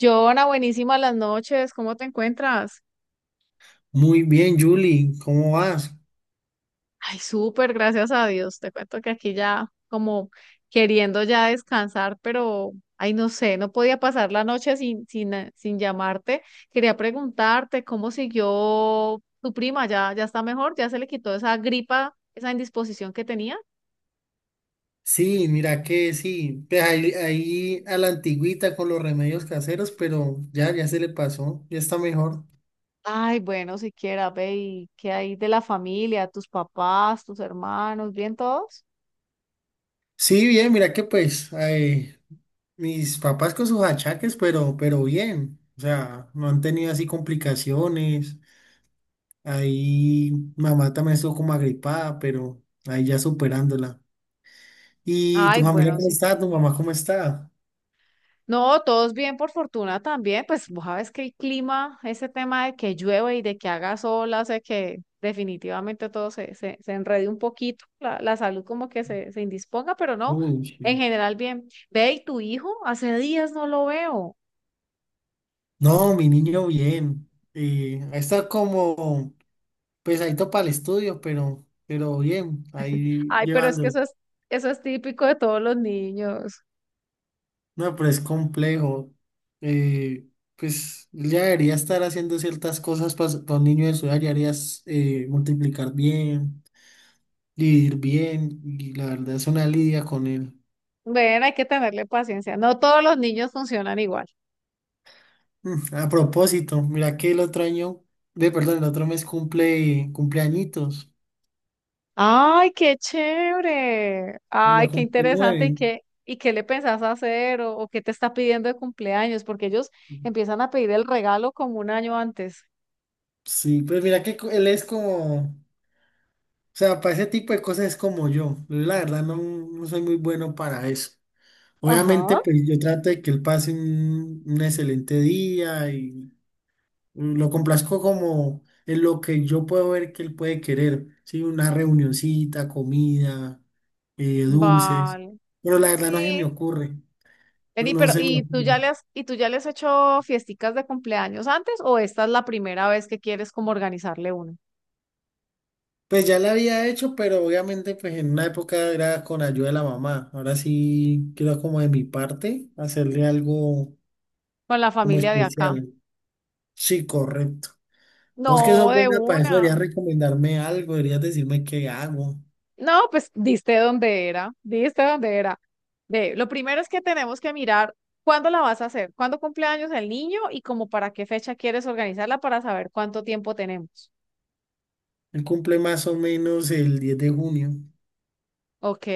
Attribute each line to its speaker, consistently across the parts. Speaker 1: Joana, buenísimas las noches, ¿cómo te encuentras?
Speaker 2: Muy bien, Julie, ¿cómo vas?
Speaker 1: Ay, súper, gracias a Dios. Te cuento que aquí ya como queriendo ya descansar, pero ay, no sé, no podía pasar la noche sin llamarte. Quería preguntarte cómo siguió tu prima, ya está mejor, ya se le quitó esa gripa, esa indisposición que tenía.
Speaker 2: Sí, mira que sí, pues ahí a la antigüita con los remedios caseros, pero ya, ya se le pasó, ya está mejor.
Speaker 1: Ay, bueno, siquiera, ve, ¿y qué hay de la familia, tus papás, tus hermanos, bien todos?
Speaker 2: Sí, bien, mira que pues mis papás con sus achaques, pero bien, o sea, no han tenido así complicaciones. Ahí mamá también estuvo como agripada, pero ahí ya superándola. ¿Y tu
Speaker 1: Ay,
Speaker 2: familia
Speaker 1: bueno,
Speaker 2: cómo está? ¿Tu
Speaker 1: siquiera.
Speaker 2: mamá cómo está?
Speaker 1: No, todos bien, por fortuna también. Pues vos sabes que el clima, ese tema de que llueve y de que haga sol, hace que definitivamente todo se enrede un poquito, la salud como que se indisponga, pero no,
Speaker 2: Uy,
Speaker 1: en
Speaker 2: sí.
Speaker 1: general bien. Ve, ¿y tu hijo? Hace días no lo veo.
Speaker 2: No, mi niño bien. Está como pesadito para el estudio, pero bien, ahí
Speaker 1: Ay, pero es que
Speaker 2: llevándolo.
Speaker 1: eso es, eso es típico de todos los niños.
Speaker 2: No, pero es complejo. Eh, pues él ya debería estar haciendo ciertas cosas para, un niño de su edad, ya deberías multiplicar bien, dividir bien, y la verdad es una lidia con él.
Speaker 1: Ven, hay que tenerle paciencia. No todos los niños funcionan igual.
Speaker 2: Mm. A propósito, mira que el otro año, de perdón, el otro mes cumple cumpleañitos,
Speaker 1: Ay, qué chévere.
Speaker 2: y
Speaker 1: Ay,
Speaker 2: ya
Speaker 1: qué
Speaker 2: cumple
Speaker 1: interesante. ¿Y
Speaker 2: 9.
Speaker 1: qué le pensás hacer o qué te está pidiendo de cumpleaños? Porque ellos empiezan a pedir el regalo como un año antes.
Speaker 2: Sí, pues mira que él es como. O sea, para ese tipo de cosas es como yo. Yo la verdad no, no soy muy bueno para eso. Obviamente,
Speaker 1: Ajá.
Speaker 2: pues yo trato de que él pase un excelente día y lo complazco como en lo que yo puedo ver que él puede querer. Sí, una reunioncita, comida, dulces.
Speaker 1: Vale.
Speaker 2: Pero la verdad no se me
Speaker 1: Sí.
Speaker 2: ocurre. No,
Speaker 1: Vení,
Speaker 2: no
Speaker 1: pero
Speaker 2: se me
Speaker 1: ¿y tú ya
Speaker 2: ocurre.
Speaker 1: le has, y tú ya le has hecho fiesticas de cumpleaños antes o esta es la primera vez que quieres como organizarle una
Speaker 2: Pues ya la había hecho, pero obviamente pues en una época era con ayuda de la mamá. Ahora sí quiero como de mi parte hacerle algo
Speaker 1: con la
Speaker 2: como
Speaker 1: familia de acá?
Speaker 2: especial. Sí, correcto. Vos que
Speaker 1: No,
Speaker 2: sos
Speaker 1: de
Speaker 2: buena para eso,
Speaker 1: una.
Speaker 2: deberías recomendarme algo, deberías decirme qué hago.
Speaker 1: No, pues diste dónde era, diste dónde era. Ve, lo primero es que tenemos que mirar cuándo la vas a hacer, cuándo cumple años el niño y como para qué fecha quieres organizarla para saber cuánto tiempo tenemos.
Speaker 2: Él cumple más o menos el 10 de junio.
Speaker 1: Ok.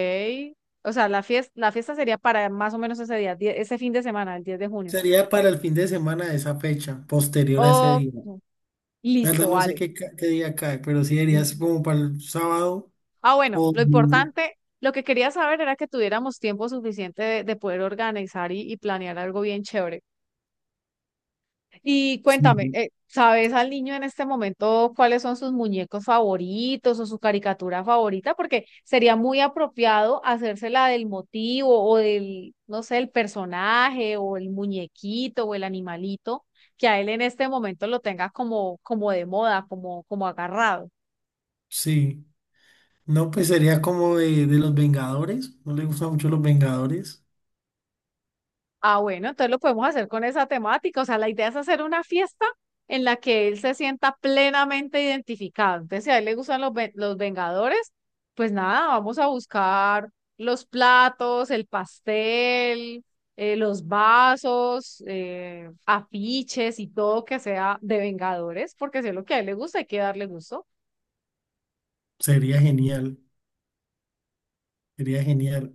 Speaker 1: O sea, la fiesta sería para más o menos ese día, ese fin de semana, el 10 de junio.
Speaker 2: Sería para el fin de semana de esa fecha, posterior a ese
Speaker 1: Oh,
Speaker 2: día. La verdad
Speaker 1: listo,
Speaker 2: no sé
Speaker 1: vale.
Speaker 2: qué, qué día cae, pero sí deberías
Speaker 1: Mm.
Speaker 2: como para el sábado
Speaker 1: Ah, bueno,
Speaker 2: o
Speaker 1: lo
Speaker 2: domingo.
Speaker 1: importante, lo que quería saber era que tuviéramos tiempo suficiente de poder organizar y planear algo bien chévere. Y cuéntame,
Speaker 2: Sí.
Speaker 1: ¿sabes al niño en este momento cuáles son sus muñecos favoritos o su caricatura favorita? Porque sería muy apropiado hacérsela del motivo o del, no sé, el personaje o el muñequito o el animalito que a él en este momento lo tenga como, como de moda, como, como agarrado.
Speaker 2: Sí. No, pues sería como de los Vengadores. No le gustan mucho los Vengadores.
Speaker 1: Ah, bueno, entonces lo podemos hacer con esa temática. O sea, la idea es hacer una fiesta en la que él se sienta plenamente identificado. Entonces, si a él le gustan los, los Vengadores, pues nada, vamos a buscar los platos, el pastel, los vasos, afiches y todo que sea de Vengadores, porque si es lo que a él le gusta, hay que darle gusto.
Speaker 2: Sería genial, sería genial.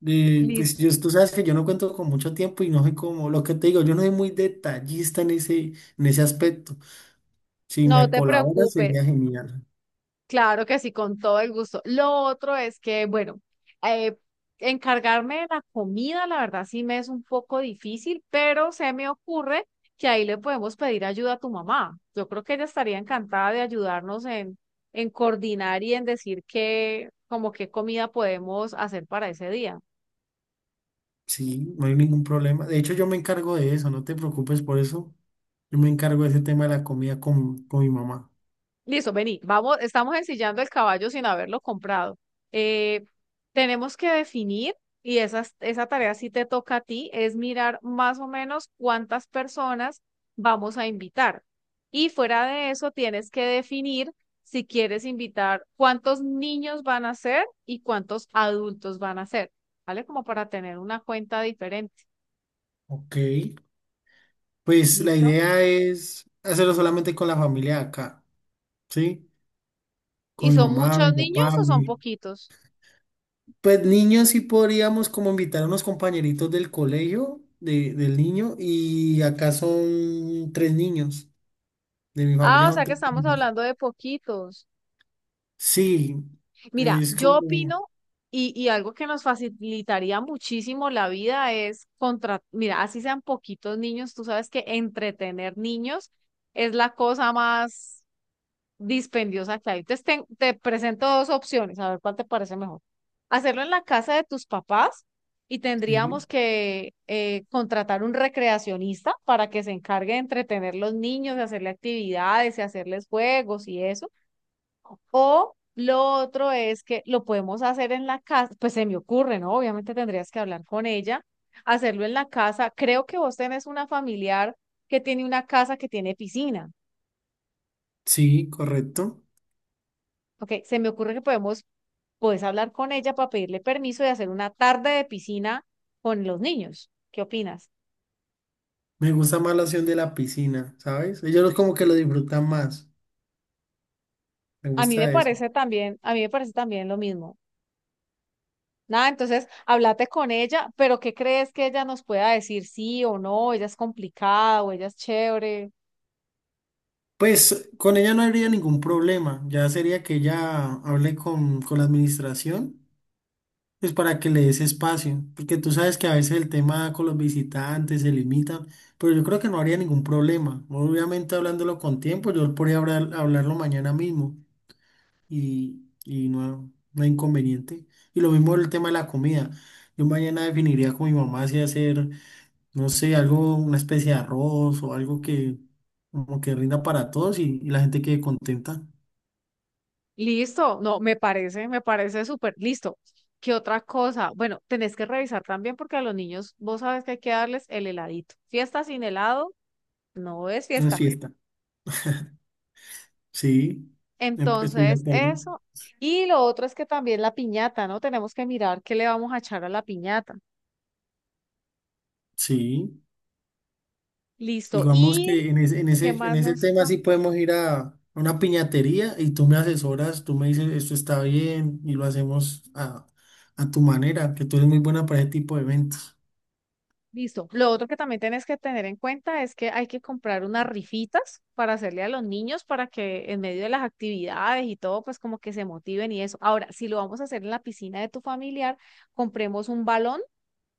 Speaker 1: Listo.
Speaker 2: Pues yo, tú sabes que yo no cuento con mucho tiempo y no soy como, lo que te digo, yo no soy muy detallista en ese aspecto. Si
Speaker 1: No
Speaker 2: me
Speaker 1: te
Speaker 2: colaboras sería
Speaker 1: preocupes.
Speaker 2: genial.
Speaker 1: Claro que sí, con todo el gusto. Lo otro es que, bueno, eh, encargarme de la comida, la verdad sí me es un poco difícil, pero se me ocurre que ahí le podemos pedir ayuda a tu mamá. Yo creo que ella estaría encantada de ayudarnos en coordinar y en decir qué, como qué comida podemos hacer para ese día.
Speaker 2: Sí, no hay ningún problema. De hecho, yo me encargo de eso, no te preocupes por eso. Yo me encargo de ese tema de la comida con mi mamá.
Speaker 1: Listo, vení, vamos, estamos ensillando el caballo sin haberlo comprado. Eh, tenemos que definir, y esa tarea sí te toca a ti, es mirar más o menos cuántas personas vamos a invitar. Y fuera de eso, tienes que definir si quieres invitar cuántos niños van a ser y cuántos adultos van a ser, ¿vale? Como para tener una cuenta diferente,
Speaker 2: Ok. Pues la
Speaker 1: ¿listo?
Speaker 2: idea es hacerlo solamente con la familia de acá, ¿sí?
Speaker 1: ¿Y
Speaker 2: Con mi
Speaker 1: son
Speaker 2: mamá,
Speaker 1: muchos
Speaker 2: mi
Speaker 1: niños
Speaker 2: papá,
Speaker 1: o son
Speaker 2: mi.
Speaker 1: poquitos?
Speaker 2: Pues niños sí podríamos como invitar a unos compañeritos del colegio del niño y acá son tres niños, de mi
Speaker 1: Ah,
Speaker 2: familia
Speaker 1: o
Speaker 2: son
Speaker 1: sea que
Speaker 2: tres
Speaker 1: estamos
Speaker 2: niños.
Speaker 1: hablando de poquitos.
Speaker 2: Sí,
Speaker 1: Mira,
Speaker 2: es
Speaker 1: yo
Speaker 2: como,
Speaker 1: opino y algo que nos facilitaría muchísimo la vida es contra, mira, así sean poquitos niños, tú sabes que entretener niños es la cosa más dispendiosa que hay. Entonces te presento dos opciones, a ver cuál te parece mejor. Hacerlo en la casa de tus papás y tendríamos
Speaker 2: sí,
Speaker 1: que contratar un recreacionista para que se encargue de entretener los niños, de hacerle actividades y hacerles juegos y eso. O lo otro es que lo podemos hacer en la casa, pues se me ocurre, ¿no? Obviamente tendrías que hablar con ella, hacerlo en la casa. Creo que vos tenés una familiar que tiene una casa que tiene piscina.
Speaker 2: sí, correcto.
Speaker 1: Ok, se me ocurre que puedes hablar con ella para pedirle permiso de hacer una tarde de piscina con los niños. ¿Qué opinas?
Speaker 2: Me gusta más la opción de la piscina, ¿sabes? Ellos como que lo disfrutan más, me
Speaker 1: A mí me
Speaker 2: gusta eso.
Speaker 1: parece también, a mí me parece también lo mismo. Nada, entonces, háblate con ella, pero ¿qué crees que ella nos pueda decir sí o no? Ella es complicada o ella es chévere.
Speaker 2: Pues con ella no habría ningún problema, ya sería que ella hable con la administración pues para que le des espacio, porque tú sabes que a veces el tema con los visitantes se limita, pero yo creo que no habría ningún problema. Obviamente hablándolo con tiempo, yo podría hablarlo mañana mismo y, y no, no hay inconveniente. Y lo mismo el tema de la comida. Yo mañana definiría con mi mamá si hacer, no sé, algo, una especie de arroz o algo que como que rinda para todos y la gente quede contenta.
Speaker 1: Listo, no, me parece súper listo. ¿Qué otra cosa? Bueno, tenés que revisar también porque a los niños, vos sabes que hay que darles el heladito. Fiesta sin helado no es
Speaker 2: Una
Speaker 1: fiesta.
Speaker 2: fiesta. Sí, estoy de
Speaker 1: Entonces,
Speaker 2: acuerdo.
Speaker 1: eso. Y lo otro es que también la piñata, ¿no? Tenemos que mirar qué le vamos a echar a la piñata.
Speaker 2: Sí.
Speaker 1: Listo.
Speaker 2: Digamos
Speaker 1: ¿Y
Speaker 2: que en ese, en
Speaker 1: qué
Speaker 2: ese, en
Speaker 1: más
Speaker 2: ese
Speaker 1: nos?
Speaker 2: tema sí podemos ir a una piñatería y tú me asesoras, tú me dices esto está bien y lo hacemos a tu manera, que tú eres muy buena para ese tipo de eventos.
Speaker 1: Listo. Lo otro que también tienes que tener en cuenta es que hay que comprar unas rifitas para hacerle a los niños para que en medio de las actividades y todo, pues como que se motiven y eso. Ahora, si lo vamos a hacer en la piscina de tu familiar, compremos un balón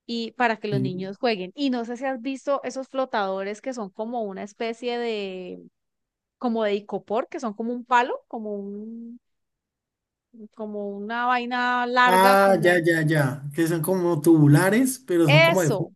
Speaker 1: y para que los
Speaker 2: ¿Sí?
Speaker 1: niños jueguen. Y no sé si has visto esos flotadores que son como una especie de, como de icopor, que son como un palo, como un, como una vaina larga,
Speaker 2: Ah, ya,
Speaker 1: como
Speaker 2: ya, ya, que son como tubulares, pero son como de
Speaker 1: eso.
Speaker 2: fútbol.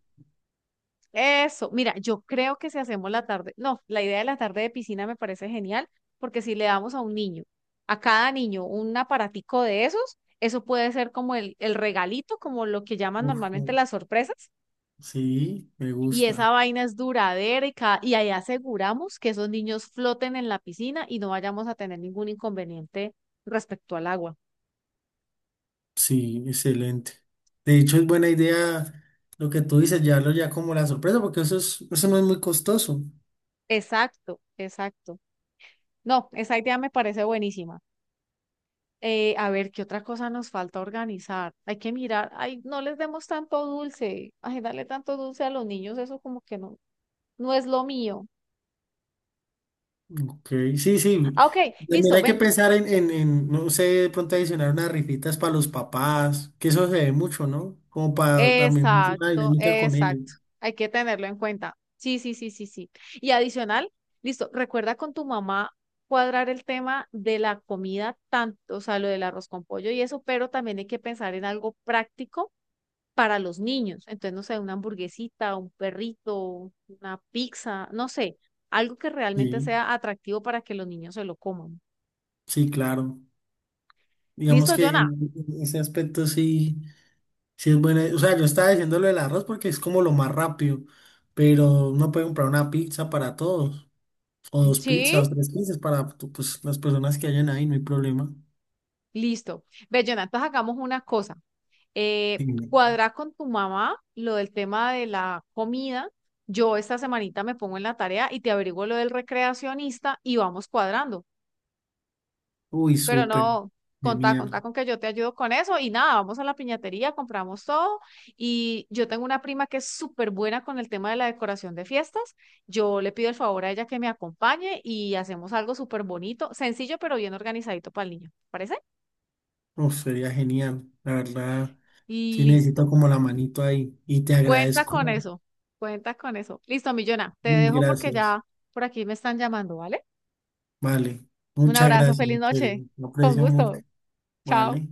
Speaker 1: Eso, mira, yo creo que si hacemos la tarde, no, la idea de la tarde de piscina me parece genial, porque si le damos a un niño, a cada niño, un aparatico de esos, eso puede ser como el regalito, como lo que llaman
Speaker 2: Uf,
Speaker 1: normalmente las sorpresas,
Speaker 2: sí, me
Speaker 1: y esa
Speaker 2: gusta.
Speaker 1: vaina es duradera y, y ahí aseguramos que esos niños floten en la piscina y no vayamos a tener ningún inconveniente respecto al agua.
Speaker 2: Sí, excelente. De hecho, es buena idea lo que tú dices, llevarlo ya como la sorpresa, porque eso es, eso no es muy costoso.
Speaker 1: Exacto, exacto. No, esa idea me parece buenísima. A ver, ¿qué otra cosa nos falta organizar? Hay que mirar, ay, no les demos tanto dulce, ay, darle tanto dulce a los niños, eso como que no, no es lo mío.
Speaker 2: Ok, sí, sí.
Speaker 1: Ah, ok,
Speaker 2: También
Speaker 1: listo,
Speaker 2: hay que
Speaker 1: ven.
Speaker 2: pensar en, no sé, de pronto adicionar unas rifitas para los papás, que eso se ve mucho, ¿no? Como para también hacer una
Speaker 1: Exacto,
Speaker 2: dinámica con ellos.
Speaker 1: exacto. Hay que tenerlo en cuenta. Sí, sí, sí, sí, sí. Y adicional, listo, recuerda con tu mamá cuadrar el tema de la comida, tanto, o sea, lo del arroz con pollo y eso, pero también hay que pensar en algo práctico para los niños. Entonces, no sé, una hamburguesita, un perrito, una pizza, no sé, algo que realmente
Speaker 2: Sí,
Speaker 1: sea atractivo para que los niños se lo coman.
Speaker 2: sí, claro. Digamos
Speaker 1: ¿Listo,
Speaker 2: que
Speaker 1: Jonah?
Speaker 2: en ese aspecto sí, sí es buena. O sea, yo estaba diciendo lo del arroz porque es como lo más rápido, pero uno puede comprar una pizza para todos, o dos
Speaker 1: Sí,
Speaker 2: pizzas, o tres pizzas para pues, las personas que hayan ahí, no hay problema.
Speaker 1: listo. Ve, Jonah, entonces hagamos una cosa.
Speaker 2: Sí.
Speaker 1: Cuadra con tu mamá lo del tema de la comida. Yo esta semanita me pongo en la tarea y te averiguo lo del recreacionista y vamos cuadrando.
Speaker 2: Uy,
Speaker 1: Pero
Speaker 2: súper.
Speaker 1: no, contá, contá
Speaker 2: Genial.
Speaker 1: con que yo te ayudo con eso y nada, vamos a la piñatería, compramos todo y yo tengo una prima que es súper buena con el tema de la decoración de fiestas. Yo le pido el favor a ella que me acompañe y hacemos algo súper bonito, sencillo pero bien organizadito para el niño. ¿Parece?
Speaker 2: Uf, sería genial, la verdad. Sí necesito
Speaker 1: Listo.
Speaker 2: como la manito ahí y te
Speaker 1: Cuenta
Speaker 2: agradezco.
Speaker 1: con eso. Cuenta con eso. Listo, Millona. Te
Speaker 2: Mil
Speaker 1: dejo porque
Speaker 2: gracias.
Speaker 1: ya por aquí me están llamando, ¿vale?
Speaker 2: Vale,
Speaker 1: Un
Speaker 2: muchas
Speaker 1: abrazo,
Speaker 2: gracias,
Speaker 1: feliz
Speaker 2: en serio.
Speaker 1: noche.
Speaker 2: Lo
Speaker 1: Con
Speaker 2: aprecio mucho.
Speaker 1: gusto. Chao.
Speaker 2: Vale.